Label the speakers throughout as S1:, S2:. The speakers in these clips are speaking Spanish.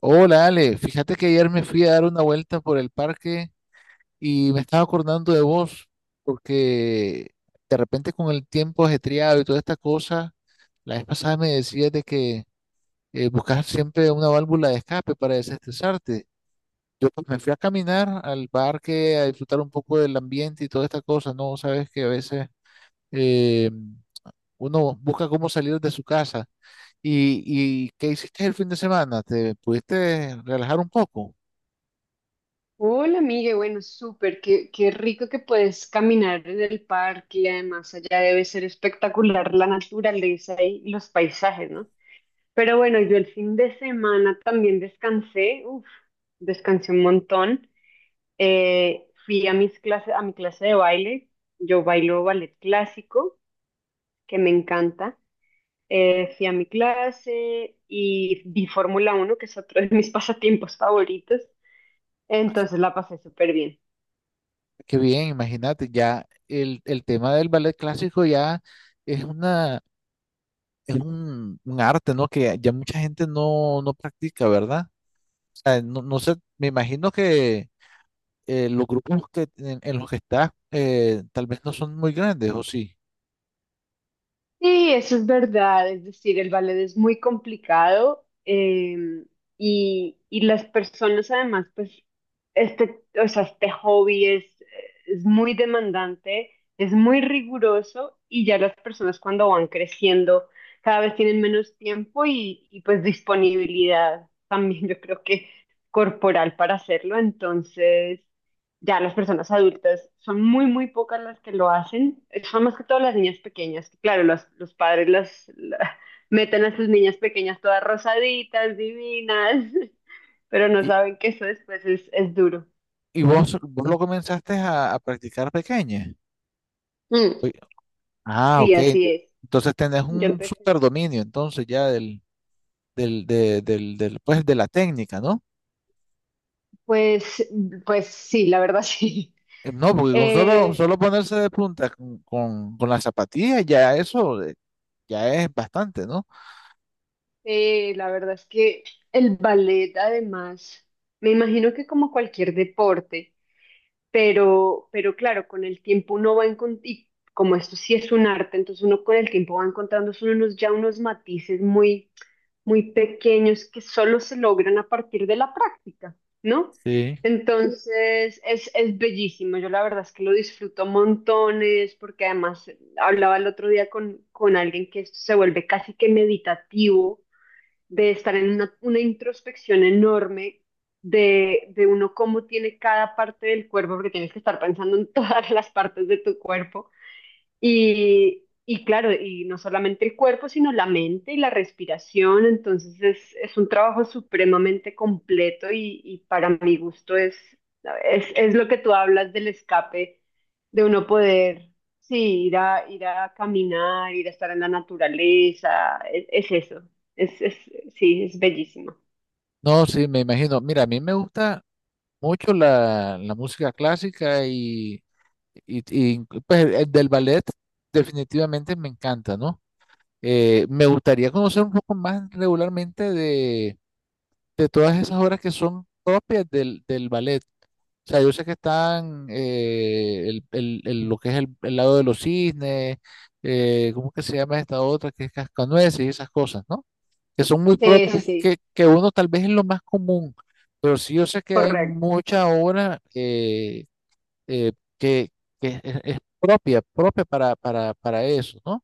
S1: Hola Ale, fíjate que ayer me fui a dar una vuelta por el parque y me estaba acordando de vos, porque de repente con el tiempo ajetreado y toda esta cosa, la vez pasada me decías de que buscas siempre una válvula de escape para desestresarte. Yo pues, me fui a caminar al parque a disfrutar un poco del ambiente y toda esta cosa, ¿no? Sabes que a veces eh, uno busca cómo salir de su casa. ¿Y, qué hiciste el fin de semana? ¿Te pudiste relajar un poco?
S2: Hola, Migue. Bueno, súper. Qué rico que puedes caminar en el parque y además allá debe ser espectacular la naturaleza y los paisajes, ¿no? Pero bueno, yo el fin de semana también descansé. Uf, descansé un montón. Fui a mis clases, a mi clase de baile. Yo bailo ballet clásico, que me encanta. Fui a mi clase y vi Fórmula 1, que es otro de mis pasatiempos favoritos. Entonces la pasé súper bien.
S1: Qué bien, imagínate, ya el tema del ballet clásico ya es una, es un arte, ¿no? Que ya mucha gente no, no practica, ¿verdad? O sea, no, no sé, me imagino que los grupos en los que estás tal vez no son muy grandes, ¿o sí?
S2: Sí, eso es verdad, es decir, el ballet es muy complicado, y las personas además, pues, este, o sea, este hobby es muy demandante, es muy riguroso y ya las personas cuando van creciendo cada vez tienen menos tiempo y pues disponibilidad también yo creo que corporal para hacerlo, entonces... Ya las personas adultas son muy pocas las que lo hacen. Son más que todas las niñas pequeñas. Claro, los padres meten a sus niñas pequeñas todas rosaditas, divinas, pero no
S1: Y,
S2: saben que eso después es duro.
S1: y vos, vos lo comenzaste a practicar pequeña.
S2: Mm,
S1: Oye, ah,
S2: sí,
S1: ok.
S2: así es.
S1: Entonces tenés
S2: Yo
S1: un
S2: empecé.
S1: superdominio, entonces ya del, pues, de la técnica, ¿no?
S2: Pues, pues sí, la verdad sí.
S1: No, porque con solo,
S2: Eh,
S1: solo ponerse de punta con las zapatillas, ya eso ya es bastante, ¿no?
S2: la verdad es que el ballet, además, me imagino que como cualquier deporte. Pero claro, con el tiempo uno va encontrando, y como esto sí es un arte, entonces uno con el tiempo va encontrando son unos, ya unos matices muy pequeños que solo se logran a partir de la práctica, ¿no?
S1: Sí.
S2: Entonces es bellísimo, yo la verdad es que lo disfruto montones, porque además hablaba el otro día con alguien que esto se vuelve casi que meditativo de estar en una introspección enorme de uno cómo tiene cada parte del cuerpo, porque tienes que estar pensando en todas las partes de tu cuerpo y claro, y no solamente el cuerpo, sino la mente y la respiración. Entonces es un trabajo supremamente completo y para mi gusto es lo que tú hablas del escape, de uno poder, sí, ir a, ir a caminar, ir a estar en la naturaleza. Es eso. Es, es, sí, es bellísimo.
S1: No, sí, me imagino. Mira, a mí me gusta mucho la música clásica y, pues el del ballet definitivamente me encanta, ¿no? Me gustaría conocer un poco más regularmente de todas esas obras que son propias del ballet. O sea, yo sé que están lo que es el lado de los cisnes, ¿cómo que se llama esta otra? Que es cascanueces y esas cosas, ¿no? Que son muy
S2: Sí, sí,
S1: propias,
S2: sí,
S1: que uno tal vez es lo más común, pero sí yo sé que hay
S2: correcto.
S1: mucha obra eh, que, que es propia, propia para eso, ¿no?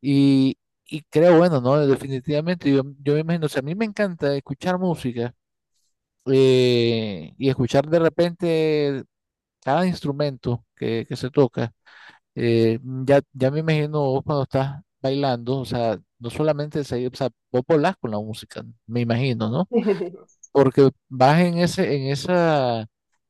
S1: Y, y creo, bueno, ¿no? Definitivamente, yo me imagino, o sea, a mí me encanta escuchar música y escuchar de repente cada instrumento que se toca, eh, ya, ya me imagino vos cuando estás bailando, o sea, no solamente se, o sea, vos volás con la música, me imagino, ¿no? Porque vas en ese, en esa,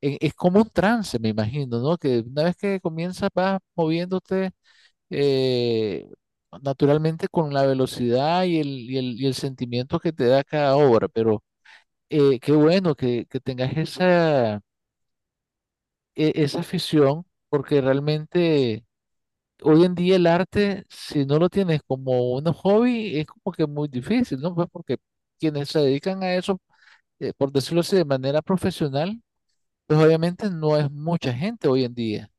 S1: es como un trance, me imagino, ¿no? Que una vez que comienzas vas moviéndote eh, naturalmente con la velocidad y y el sentimiento que te da cada obra, pero qué bueno que tengas esa, esa afición, porque realmente hoy en día el arte, si no lo tienes como un hobby, es como que muy difícil, ¿no? Pues porque quienes se dedican a eso, por decirlo así, de manera profesional, pues obviamente no es mucha gente hoy en día,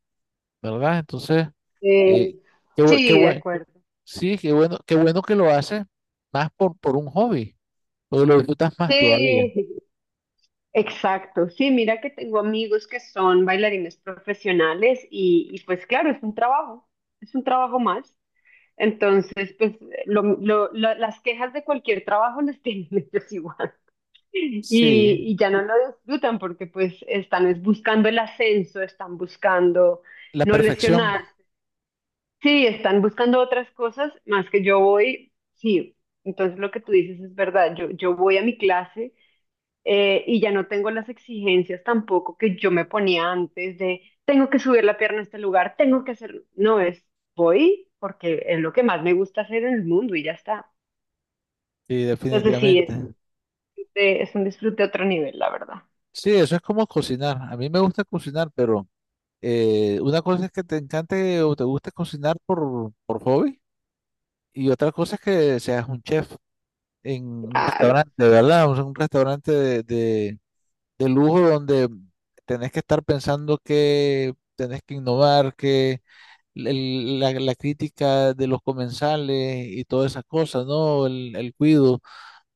S1: ¿verdad? Entonces,
S2: Eh,
S1: eh, qué, bu- qué
S2: sí, de
S1: buen-
S2: acuerdo.
S1: sí, qué bueno que lo haces más por un hobby, porque lo disfrutas más todavía.
S2: Sí. Exacto, sí, mira que tengo amigos que son bailarines profesionales y pues claro, es un trabajo más. Entonces, pues las quejas de cualquier trabajo las tienen ellos igual y,
S1: Sí,
S2: y ya no lo disfrutan porque pues están es buscando el ascenso, están buscando
S1: la
S2: no
S1: perfección,
S2: lesionarse, sí, están buscando otras cosas más que yo voy, sí, entonces lo que tú dices es verdad, yo voy a mi clase y ya no tengo las exigencias tampoco que yo me ponía antes de tengo que subir la pierna a este lugar, tengo que hacer, no es, voy porque es lo que más me gusta hacer en el mundo y ya está.
S1: sí,
S2: Entonces sí,
S1: definitivamente.
S2: es un disfrute a otro nivel, la verdad.
S1: Sí, eso es como cocinar. A mí me gusta cocinar, pero... Una cosa es que te encante o te guste cocinar por hobby y otra cosa es que seas un chef en un
S2: Claro,
S1: restaurante, ¿verdad? O sea, un restaurante de lujo donde tenés que estar pensando que tenés que innovar, que la crítica de los comensales y todas esas cosas, ¿no? El cuido.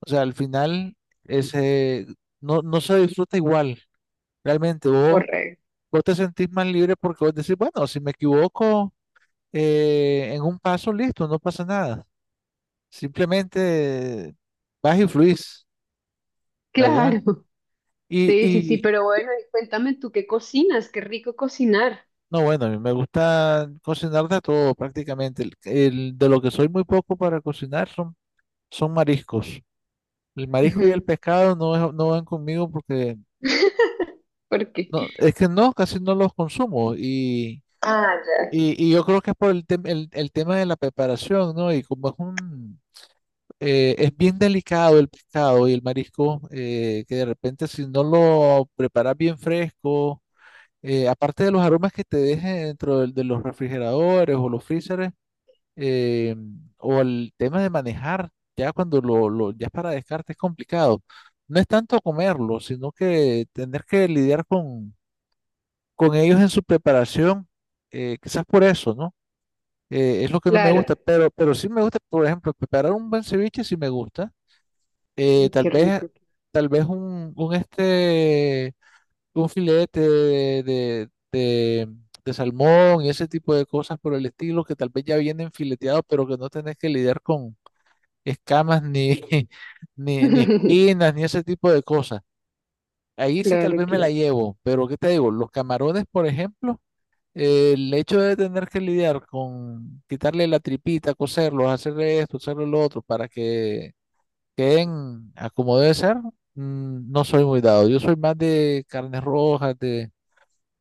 S1: O sea, al final ese, no, no se disfruta igual, realmente. Vos,
S2: correcto.
S1: vos te sentís más libre porque vos decís, bueno, si me equivoco... en un paso, listo, no pasa nada. Simplemente vas y fluís, ¿verdad?
S2: Claro. Sí, sí, sí,
S1: Y
S2: pero bueno, y cuéntame tú qué cocinas, qué rico cocinar.
S1: no, bueno, a mí me gusta cocinar de todo prácticamente. De lo que soy muy poco para cocinar son, son mariscos. El marisco y el
S2: Ujú.
S1: pescado no, no van conmigo porque
S2: ¿Por qué?
S1: no, es que no, casi no los consumo.
S2: Ah, ya.
S1: Y yo creo que es por el tema de la preparación, ¿no? Y como es un... es bien delicado el pescado y el marisco, que de repente si no lo preparas bien fresco, aparte de los aromas que te dejen los refrigeradores o los freezers, eh, o el tema de manejar, ya cuando lo ya es para descarte es complicado. No es tanto comerlo, sino que tener que lidiar con ellos en su preparación, quizás por eso, ¿no? Es lo que no me
S2: Claro,
S1: gusta, pero sí me gusta, por ejemplo, preparar un buen ceviche sí me gusta eh, tal
S2: qué
S1: vez,
S2: rico.
S1: tal vez un, un filete de salmón y ese tipo de cosas por el estilo que tal vez ya vienen fileteados, pero que no tenés que lidiar con escamas ni, ni, ni espinas ni ese tipo de cosas. Ahí sí tal
S2: Claro,
S1: vez me la
S2: claro.
S1: llevo, pero ¿qué te digo? Los camarones, por ejemplo, el hecho de tener que lidiar con quitarle la tripita, coserlos, hacerle esto, hacerle lo otro, para que queden a como debe ser, mm, no soy muy dado. Yo soy más de carnes rojas,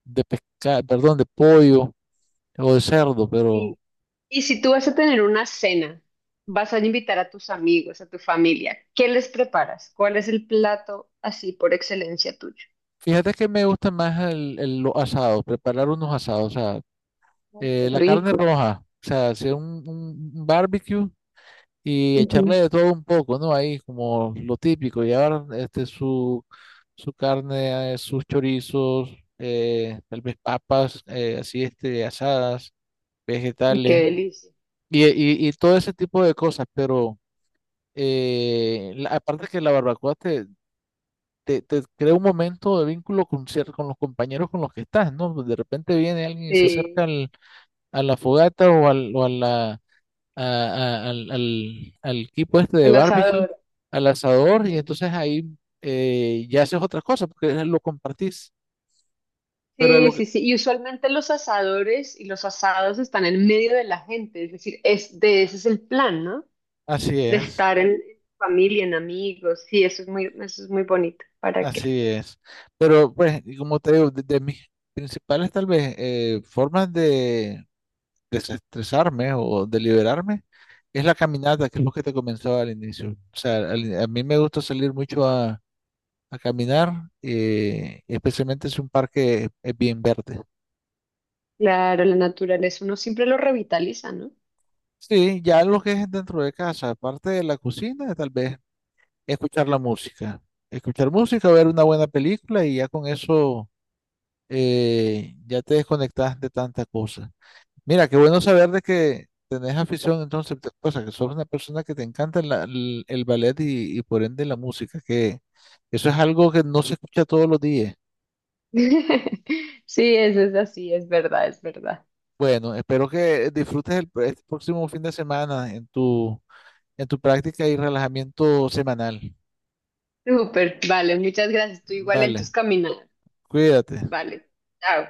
S1: de pescado, perdón, de pollo o de cerdo, pero
S2: Y, y si tú vas a tener una cena, vas a invitar a tus amigos, a tu familia, ¿qué les preparas? ¿Cuál es el plato así por excelencia tuyo?
S1: fíjate que me gusta más los asados, preparar unos asados, o sea,
S2: Ay, qué
S1: la carne
S2: rico.
S1: roja, o sea, hacer un, un barbecue y echarle
S2: Ujú.
S1: de todo un poco, ¿no? Ahí como lo típico, llevar este su, su carne, sus chorizos, tal vez papas, así este, asadas,
S2: Qué
S1: vegetales.
S2: delicia.
S1: Y todo ese tipo de cosas, pero aparte que la barbacoa te crea un momento de vínculo con, con los compañeros con los que estás, ¿no? De repente viene alguien y se
S2: Sí,
S1: acerca al, a la fogata o, al, o a la, a- al equipo este de
S2: el
S1: barbecue,
S2: asador.
S1: al asador, y
S2: Ujú.
S1: entonces ahí ya haces otras cosas porque lo compartís. Pero
S2: Sí,
S1: lo que-
S2: sí, sí. Y usualmente los asadores y los asados están en medio de la gente, es decir, es de ese es el plan, ¿no?
S1: así
S2: De
S1: es,
S2: estar en familia, en amigos. Sí, eso es muy bonito. ¿Para qué?
S1: así es. Pero pues, y como te digo, de mis principales tal vez formas de desestresarme o deliberarme es la caminata, que es lo que te comentaba al inicio. O sea, a mí me gusta salir mucho a caminar, especialmente si un parque es bien verde.
S2: Claro, la naturaleza uno siempre lo revitaliza, ¿no?
S1: Sí, ya lo que es dentro de casa, aparte de la cocina, tal vez escuchar la música. Escuchar música, ver una buena película y ya con eso ya te desconectas de tanta cosa. Mira, qué bueno saber de que tenés afición, entonces, o sea, que sos una persona que te encanta el ballet y por ende la música, que eso es algo que no se escucha todos los días.
S2: Sí, eso es así, es verdad, es verdad.
S1: Bueno, espero que disfrutes este próximo fin de semana en tu práctica y relajamiento semanal.
S2: Súper, vale, muchas gracias. Tú igual en tus
S1: Vale,
S2: caminadas.
S1: cuídate.
S2: Vale, chao.